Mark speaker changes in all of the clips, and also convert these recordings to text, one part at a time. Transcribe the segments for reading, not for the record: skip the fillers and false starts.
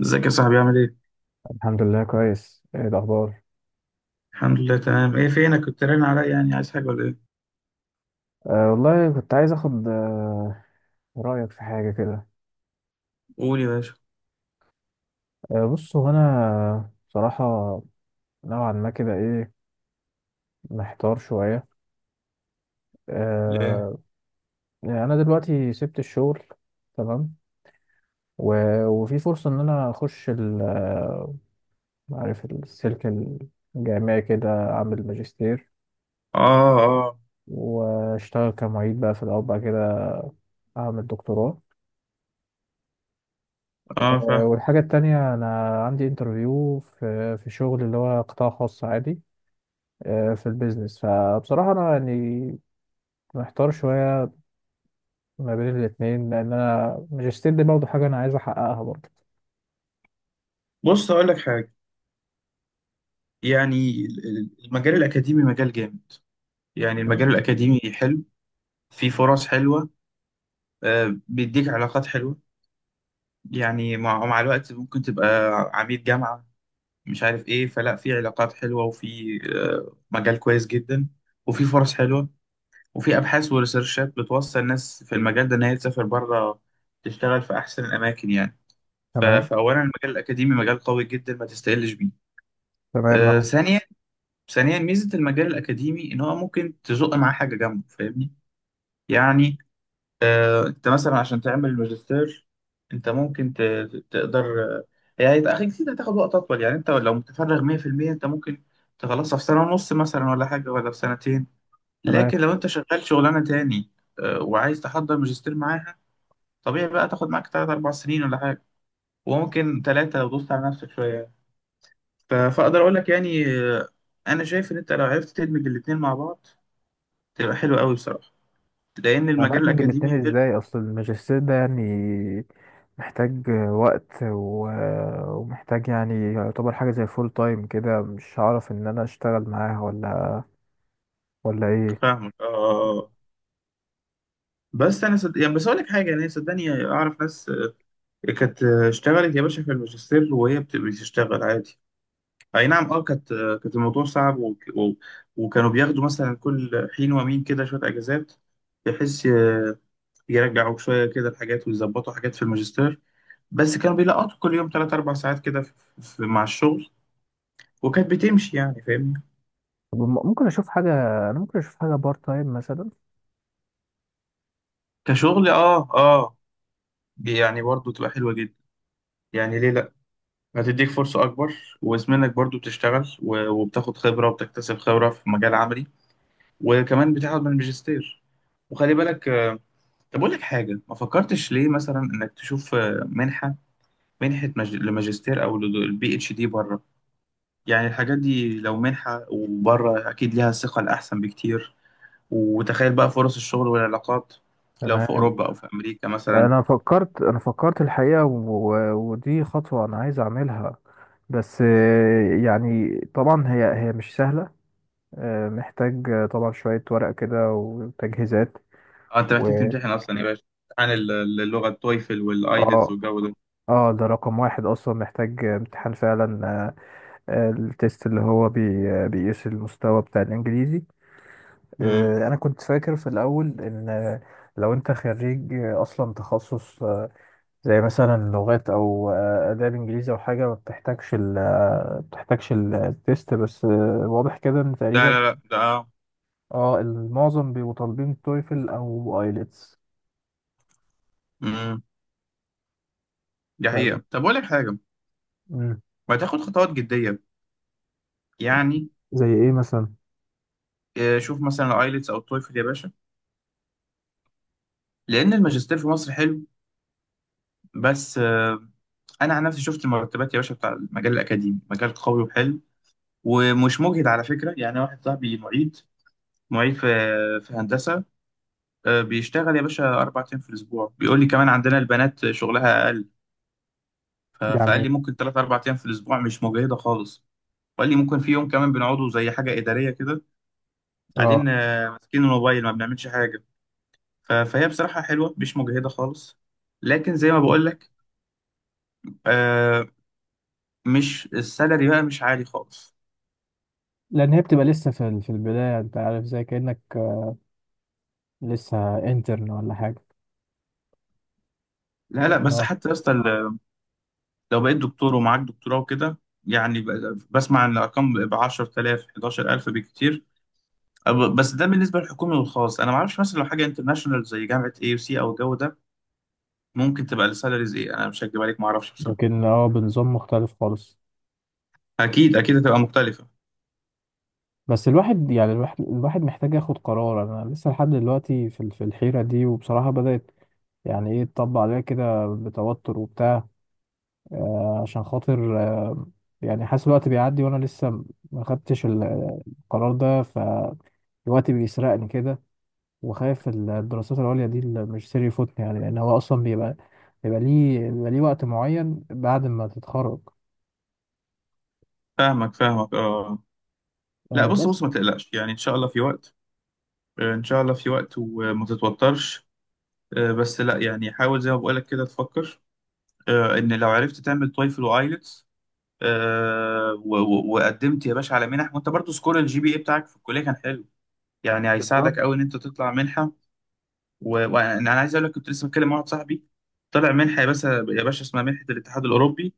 Speaker 1: ازيك يا صاحبي، عامل ايه؟
Speaker 2: الحمد لله كويس. ايه الاخبار؟
Speaker 1: الحمد لله، تمام. ايه فينك؟ كنت رن عليا، يعني عايز حاجة ولا ايه؟
Speaker 2: والله كنت عايز اخد رايك في حاجه كده.
Speaker 1: قول يا باشا.
Speaker 2: بص، هو انا بصراحه نوعا ما كده، ايه، محتار شويه.
Speaker 1: ليه؟
Speaker 2: أه يعني انا دلوقتي سبت الشغل، تمام، و- وفي فرصه ان انا اخش عارف، السلك الجامعي كده، اعمل ماجستير
Speaker 1: اه، اه،
Speaker 2: واشتغل كمعيد بقى في الاول، بعد كده اعمل دكتوراه.
Speaker 1: اه، فاهم.
Speaker 2: والحاجة التانية، أنا عندي انترفيو في شغل اللي هو قطاع خاص عادي، في البيزنس. فبصراحة أنا يعني محتار شوية ما بين الاتنين، لأن أنا ماجستير دي برضه حاجة أنا عايز أحققها برضه.
Speaker 1: بص، اقول لك حاجة. يعني المجال الأكاديمي مجال جامد. يعني المجال الأكاديمي حلو، فيه فرص حلوة. بيديك علاقات حلوة، يعني مع الوقت ممكن تبقى عميد جامعة، مش عارف ايه. فلا، في علاقات حلوة، وفي مجال كويس جدا، وفي فرص حلوة، وفي أبحاث وريسيرشات بتوصل ناس في المجال ده إن هي تسافر بره، تشتغل في أحسن الأماكن يعني.
Speaker 2: تمام،
Speaker 1: فأولا، المجال الأكاديمي مجال قوي جدا، ما تستقلش بيه.
Speaker 2: تمام،
Speaker 1: آه ثانيا ثانيا، ميزة المجال الأكاديمي إن هو ممكن تزق معاه حاجة جنبه، فاهمني؟ يعني، أنت مثلا عشان تعمل ماجستير، أنت ممكن تقدر. يعني يبقى أخي كتير هتاخد وقت أطول. يعني أنت لو متفرغ 100%، أنت ممكن تخلصها في سنة ونص مثلا، ولا حاجة، ولا في سنتين.
Speaker 2: تمام.
Speaker 1: لكن لو انت شغال شغلانه تاني، وعايز تحضر ماجستير معاها، طبيعي بقى تاخد معاك تلات اربع سنين ولا حاجه، وممكن تلاتة لو دوست على نفسك شويه. فاقدر اقول لك، يعني انا شايف ان انت لو عرفت تدمج الاتنين مع بعض، تبقى حلو قوي بصراحه، لان المجال
Speaker 2: هندمج الاتنين
Speaker 1: الاكاديمي حلو.
Speaker 2: إزاي؟ أصل الماجستير ده يعني محتاج وقت و- ومحتاج، يعني يعتبر حاجة زي فول تايم كده، مش هعرف إن أنا أشتغل معاها ولا إيه.
Speaker 1: فاهمك، اه. بس انا يعني، بس اقول لك حاجه، يعني صدقني اعرف ناس، كانت اشتغلت يا باشا في الماجستير وهي بتشتغل عادي. اي نعم، اه، كانت الموضوع صعب، وكانوا بياخدوا مثلا كل حين ومين كده شويه اجازات، بحيث يرجعوا شويه كده الحاجات، ويظبطوا حاجات في الماجستير. بس كانوا بيلقطوا كل يوم 3 4 ساعات كده، مع الشغل، وكانت بتمشي يعني، فاهمني.
Speaker 2: طب، ممكن أشوف حاجة، أنا ممكن أشوف حاجة بارت تايم مثلا.
Speaker 1: كشغل، اه، اه. دي يعني برضو تبقى حلوه جدا، يعني ليه لا؟ هتديك فرصه اكبر، واسمنك برضو بتشتغل، وبتاخد خبره وبتكتسب خبره في مجال عملي، وكمان بتاخد من الماجستير. وخلي بالك، طب أقول لك حاجة، ما فكرتش ليه مثلا إنك تشوف منحة، لماجستير أو للبي اتش دي بره؟ يعني الحاجات دي لو منحة وبره، أكيد ليها ثقة الأحسن بكتير. وتخيل بقى فرص الشغل والعلاقات، لو في
Speaker 2: تمام.
Speaker 1: أوروبا أو في أمريكا مثلا.
Speaker 2: انا فكرت الحقيقه و- ودي خطوه انا عايز اعملها. بس يعني طبعا هي مش سهله، محتاج، طبعا، شويه ورق كده وتجهيزات.
Speaker 1: أنت
Speaker 2: و
Speaker 1: محتاج تمتحن أصلا يا باشا، عن اللغة، التويفل والآيلتس
Speaker 2: اه،
Speaker 1: والجو ده.
Speaker 2: اه ده رقم واحد، اصلا محتاج امتحان فعلا. التيست اللي هو بي... آه، بيقيس المستوى بتاع الانجليزي.
Speaker 1: مم.
Speaker 2: انا كنت فاكر في الاول ان لو انت خريج اصلا تخصص زي مثلا لغات او اداب انجليزي او حاجه، ما بتحتاجش ال آه، بتحتاجش ال- التيست، بس واضح كده ان
Speaker 1: لا،
Speaker 2: تقريبا
Speaker 1: لا، لا، ده.
Speaker 2: اه المعظم بيبقوا طالبين تويفل او ايلتس.
Speaker 1: مم. دي حقيقة. طب أقول لك حاجة، ما تاخد خطوات جدية، يعني
Speaker 2: زي ايه مثلا؟
Speaker 1: شوف مثلا الآيلتس أو التويفل يا باشا. لأن الماجستير في مصر حلو، بس انا عن نفسي شفت المرتبات يا باشا، بتاع المجال الاكاديمي مجال قوي وحلو، ومش مجهد على فكره. يعني واحد صاحبي معيد في هندسه، بيشتغل يا باشا 4 ايام في الاسبوع. بيقول لي كمان عندنا البنات شغلها اقل، فقال لي
Speaker 2: يعني
Speaker 1: ممكن ثلاث اربع ايام في الاسبوع، مش مجهده خالص. وقال لي ممكن في يوم كمان بنقعده زي حاجه اداريه كده،
Speaker 2: اه،
Speaker 1: قاعدين ماسكين الموبايل، ما بنعملش حاجه. فهي بصراحه حلوه، مش مجهده خالص. لكن زي ما بقول لك، آه، مش السالري بقى مش عالي خالص.
Speaker 2: لان هي بتبقى لسه في البدايه، انت عارف، زي كانك لسه انترن ولا حاجه.
Speaker 1: لا، لا، بس
Speaker 2: اه
Speaker 1: حتى يا اسطى، لو بقيت دكتور ومعاك دكتوراه وكده، يعني بسمع ان الارقام ب 10,000 11,000 بكتير. أب- بس ده بالنسبه للحكومي والخاص، انا ما اعرفش مثلا لو حاجه انترناشونال، زي جامعه اي يو سي او الجو ده، ممكن تبقى السالاريز ايه. انا مش هكدب عليك، ما اعرفش بصراحه.
Speaker 2: لكن اه بنظام مختلف خالص.
Speaker 1: اكيد، اكيد هتبقى مختلفه.
Speaker 2: بس الواحد يعني، الواحد محتاج ياخد قرار. انا لسه لحد دلوقتي في الحيره دي، وبصراحه بدات يعني ايه تطبق عليها كده بتوتر وبتاع. عشان خاطر يعني حاسس الوقت بيعدي وانا لسه ما خدتش القرار ده، فالوقت بيسرقني كده. وخايف الدراسات العليا دي، الماجستير، يفوتني، يعني لان هو اصلا بيبقى، بيبقى ليه وقت معين بعد ما تتخرج.
Speaker 1: فاهمك، فاهمك، اه. لا، بص،
Speaker 2: بس
Speaker 1: بص، ما تقلقش يعني، ان شاء الله في وقت. ان شاء الله في وقت، وما تتوترش. بس لا، يعني حاول زي ما بقولك كده تفكر، ان لو عرفت تعمل تويفل وايلتس، وقدمت يا باشا على منح، وانت برضو سكور الجي بي اي بتاعك في الكليه كان حلو، يعني
Speaker 2: بالظبط.
Speaker 1: هيساعدك قوي ان انت تطلع منحه. وانا عايز اقول لك، كنت لسه بتكلم مع واحد صاحبي طلع منحه يا باشا، يا باشا اسمها منحه الاتحاد الاوروبي.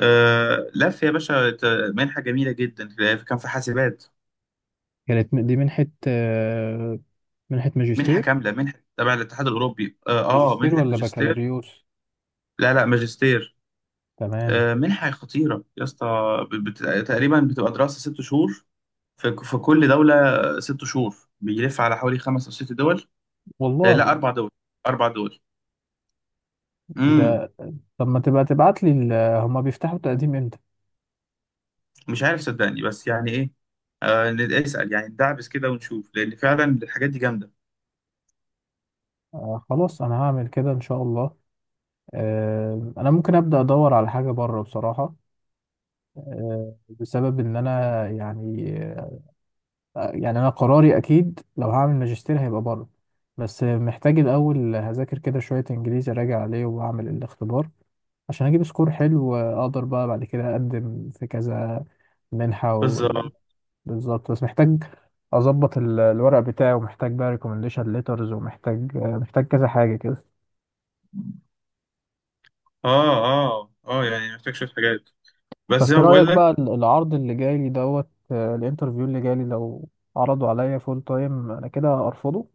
Speaker 1: لف يا باشا، منحه جميله جدا، كان في حاسبات.
Speaker 2: كانت دي منحة منحة
Speaker 1: منحه
Speaker 2: ماجستير؟
Speaker 1: كامله، منحه تبع الاتحاد الاوروبي، اه،
Speaker 2: ماجستير
Speaker 1: منحه
Speaker 2: ولا
Speaker 1: ماجستير.
Speaker 2: بكالوريوس؟
Speaker 1: لا، لا، ماجستير.
Speaker 2: تمام.
Speaker 1: منحه خطيره يا اسطى. بت- تقريبا بتبقى دراسه 6 شهور، في كل دولة، 6 شهور. بيلف على حوالي خمس أو ست دول. لا،
Speaker 2: والله.
Speaker 1: أربع دول، أربع دول. امم
Speaker 2: ده، طب ما تبقى تبعت لي. هما بيفتحوا التقديم امتى؟
Speaker 1: مش عارف صدقني، بس يعني إيه، اسأل يعني، ندعبس كده ونشوف، لأن فعلا الحاجات دي جامدة.
Speaker 2: خلاص انا هعمل كده ان شاء الله. انا ممكن ابدا ادور على حاجه بره بصراحه، بسبب ان انا يعني، يعني انا قراري اكيد لو هعمل ماجستير هيبقى بره. بس محتاج الاول هذاكر كده شويه انجليزي، راجع عليه واعمل الاختبار عشان اجيب سكور حلو، اقدر بقى بعد كده اقدم في كذا منحه
Speaker 1: بالظبط.
Speaker 2: بالظبط. بس محتاج اظبط الورق بتاعي، ومحتاج بقى ريكومنديشن ليترز، ومحتاج محتاج كذا حاجه كده.
Speaker 1: آه، آه، آه، يعني محتاج شوية حاجات، بس زي
Speaker 2: بس
Speaker 1: ما
Speaker 2: رأيك
Speaker 1: بقول لك،
Speaker 2: بقى، العرض اللي جاي لي دوت الانترفيو اللي جاي لي، لو عرضوا عليا فول تايم انا كده ارفضه؟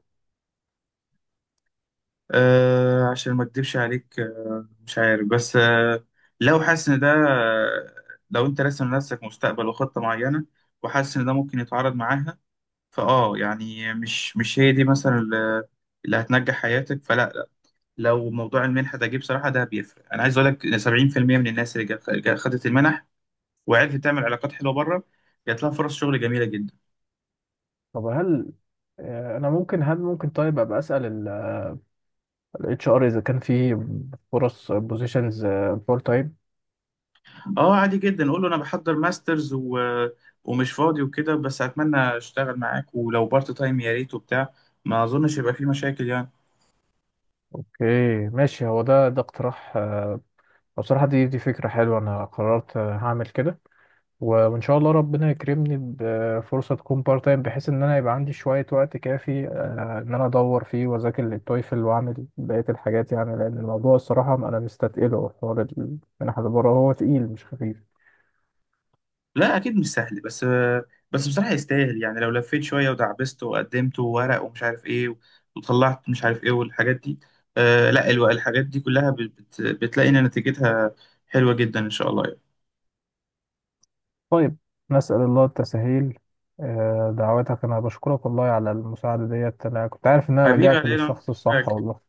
Speaker 1: عشان ما أكدبش عليك. مش عارف بس، لو حاسس إن ده، لو أنت راسم لنفسك مستقبل وخطة معينة، وحاسس إن ده ممكن يتعارض معاها، يعني، مش، هي دي مثلا اللي اللي هتنجح حياتك، فلا، لا. لو موضوع المنحه ده جه، بصراحه ده بيفرق. انا عايز اقول لك إن 70% من الناس اللي خدت المنح، وعرفت تعمل علاقات حلوه بره، جات لها فرص شغل جميله جدا.
Speaker 2: طب هل انا ممكن، هل ممكن طيب ابقى اسال الاتش ار اذا كان في فرص بوزيشنز فول تايم؟
Speaker 1: اه، عادي جدا، قول له انا بحضر ماسترز، ومش فاضي وكده، بس اتمنى اشتغل معاك ولو بارت تايم، يا ريت وبتاع. ما اظنش يبقى في مشاكل يعني.
Speaker 2: اوكي، ماشي. هو ده، ده اقتراح بصراحة. دي فكرة حلوة، انا قررت هعمل كده. و- وان شاء الله ربنا يكرمني بفرصه تكون بارت تايم، بحيث ان انا يبقى عندي شويه وقت كافي ان انا ادور فيه واذاكر للتويفل واعمل بقيه الحاجات، يعني لان الموضوع الصراحه انا مستتقله، حوار المنح اللي بره هو تقيل مش خفيف.
Speaker 1: لا، اكيد مش سهل، بس بصراحه يستاهل. يعني لو لفيت شويه، ودعبست وقدمت وورق ومش عارف ايه، وطلعت مش عارف ايه، والحاجات دي، لا، الحاجات دي كلها بتلاقي ان نتيجتها حلوه جدا ان شاء الله، يعني.
Speaker 2: طيب، نسال الله التسهيل. دعواتك. انا بشكرك والله على المساعده ديت، انا كنت عارف ان انا
Speaker 1: حبيبي،
Speaker 2: لجأت
Speaker 1: علي انا ما
Speaker 2: للشخص
Speaker 1: عملتش
Speaker 2: الصح
Speaker 1: حاجه.
Speaker 2: والله.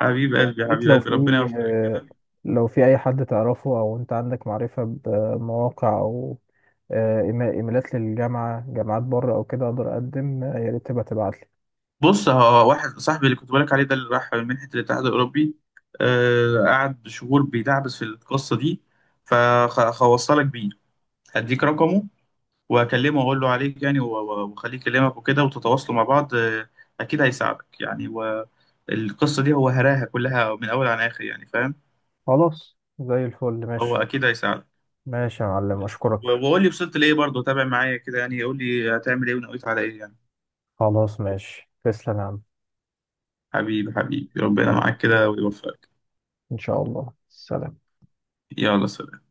Speaker 1: حبيب قلبي،
Speaker 2: ريت
Speaker 1: حبيب
Speaker 2: لو
Speaker 1: قلبي،
Speaker 2: في
Speaker 1: ربنا يوفقك
Speaker 2: آه،
Speaker 1: كده.
Speaker 2: لو في أي حد تعرفه، أو أنت عندك معرفة بمواقع أو إيميلات للجامعة، جامعات بره أو كده أقدر أقدم، يا ريت تبقى تبعتلي.
Speaker 1: بص، هو واحد صاحبي اللي كنت بقولك عليه ده، اللي راح منحه الاتحاد الاوروبي، قعد شهور بيدعبس في القصه دي. فخوصلك بيه، هديك رقمه، واكلمه واقول له عليك يعني، واخليه يكلمك وكده، وتتواصلوا مع بعض. اكيد هيساعدك يعني، والقصه دي هو هراها كلها من اول عن اخر يعني، فاهم؟
Speaker 2: خلاص زي الفل،
Speaker 1: هو
Speaker 2: ماشي.
Speaker 1: اكيد هيساعدك.
Speaker 2: ماشي يا معلم،
Speaker 1: بس،
Speaker 2: أشكرك.
Speaker 1: وقول لي وصلت لايه، برضه تابع معايا كده يعني، قول لي هتعمل ايه ونويت على ايه يعني.
Speaker 2: خلاص ماشي، تسلم يا عم.
Speaker 1: حبيبي، حبيبي، ربنا
Speaker 2: سلام.
Speaker 1: معاك كده ويوفقك.
Speaker 2: إن شاء الله، سلام
Speaker 1: يلا، سلام.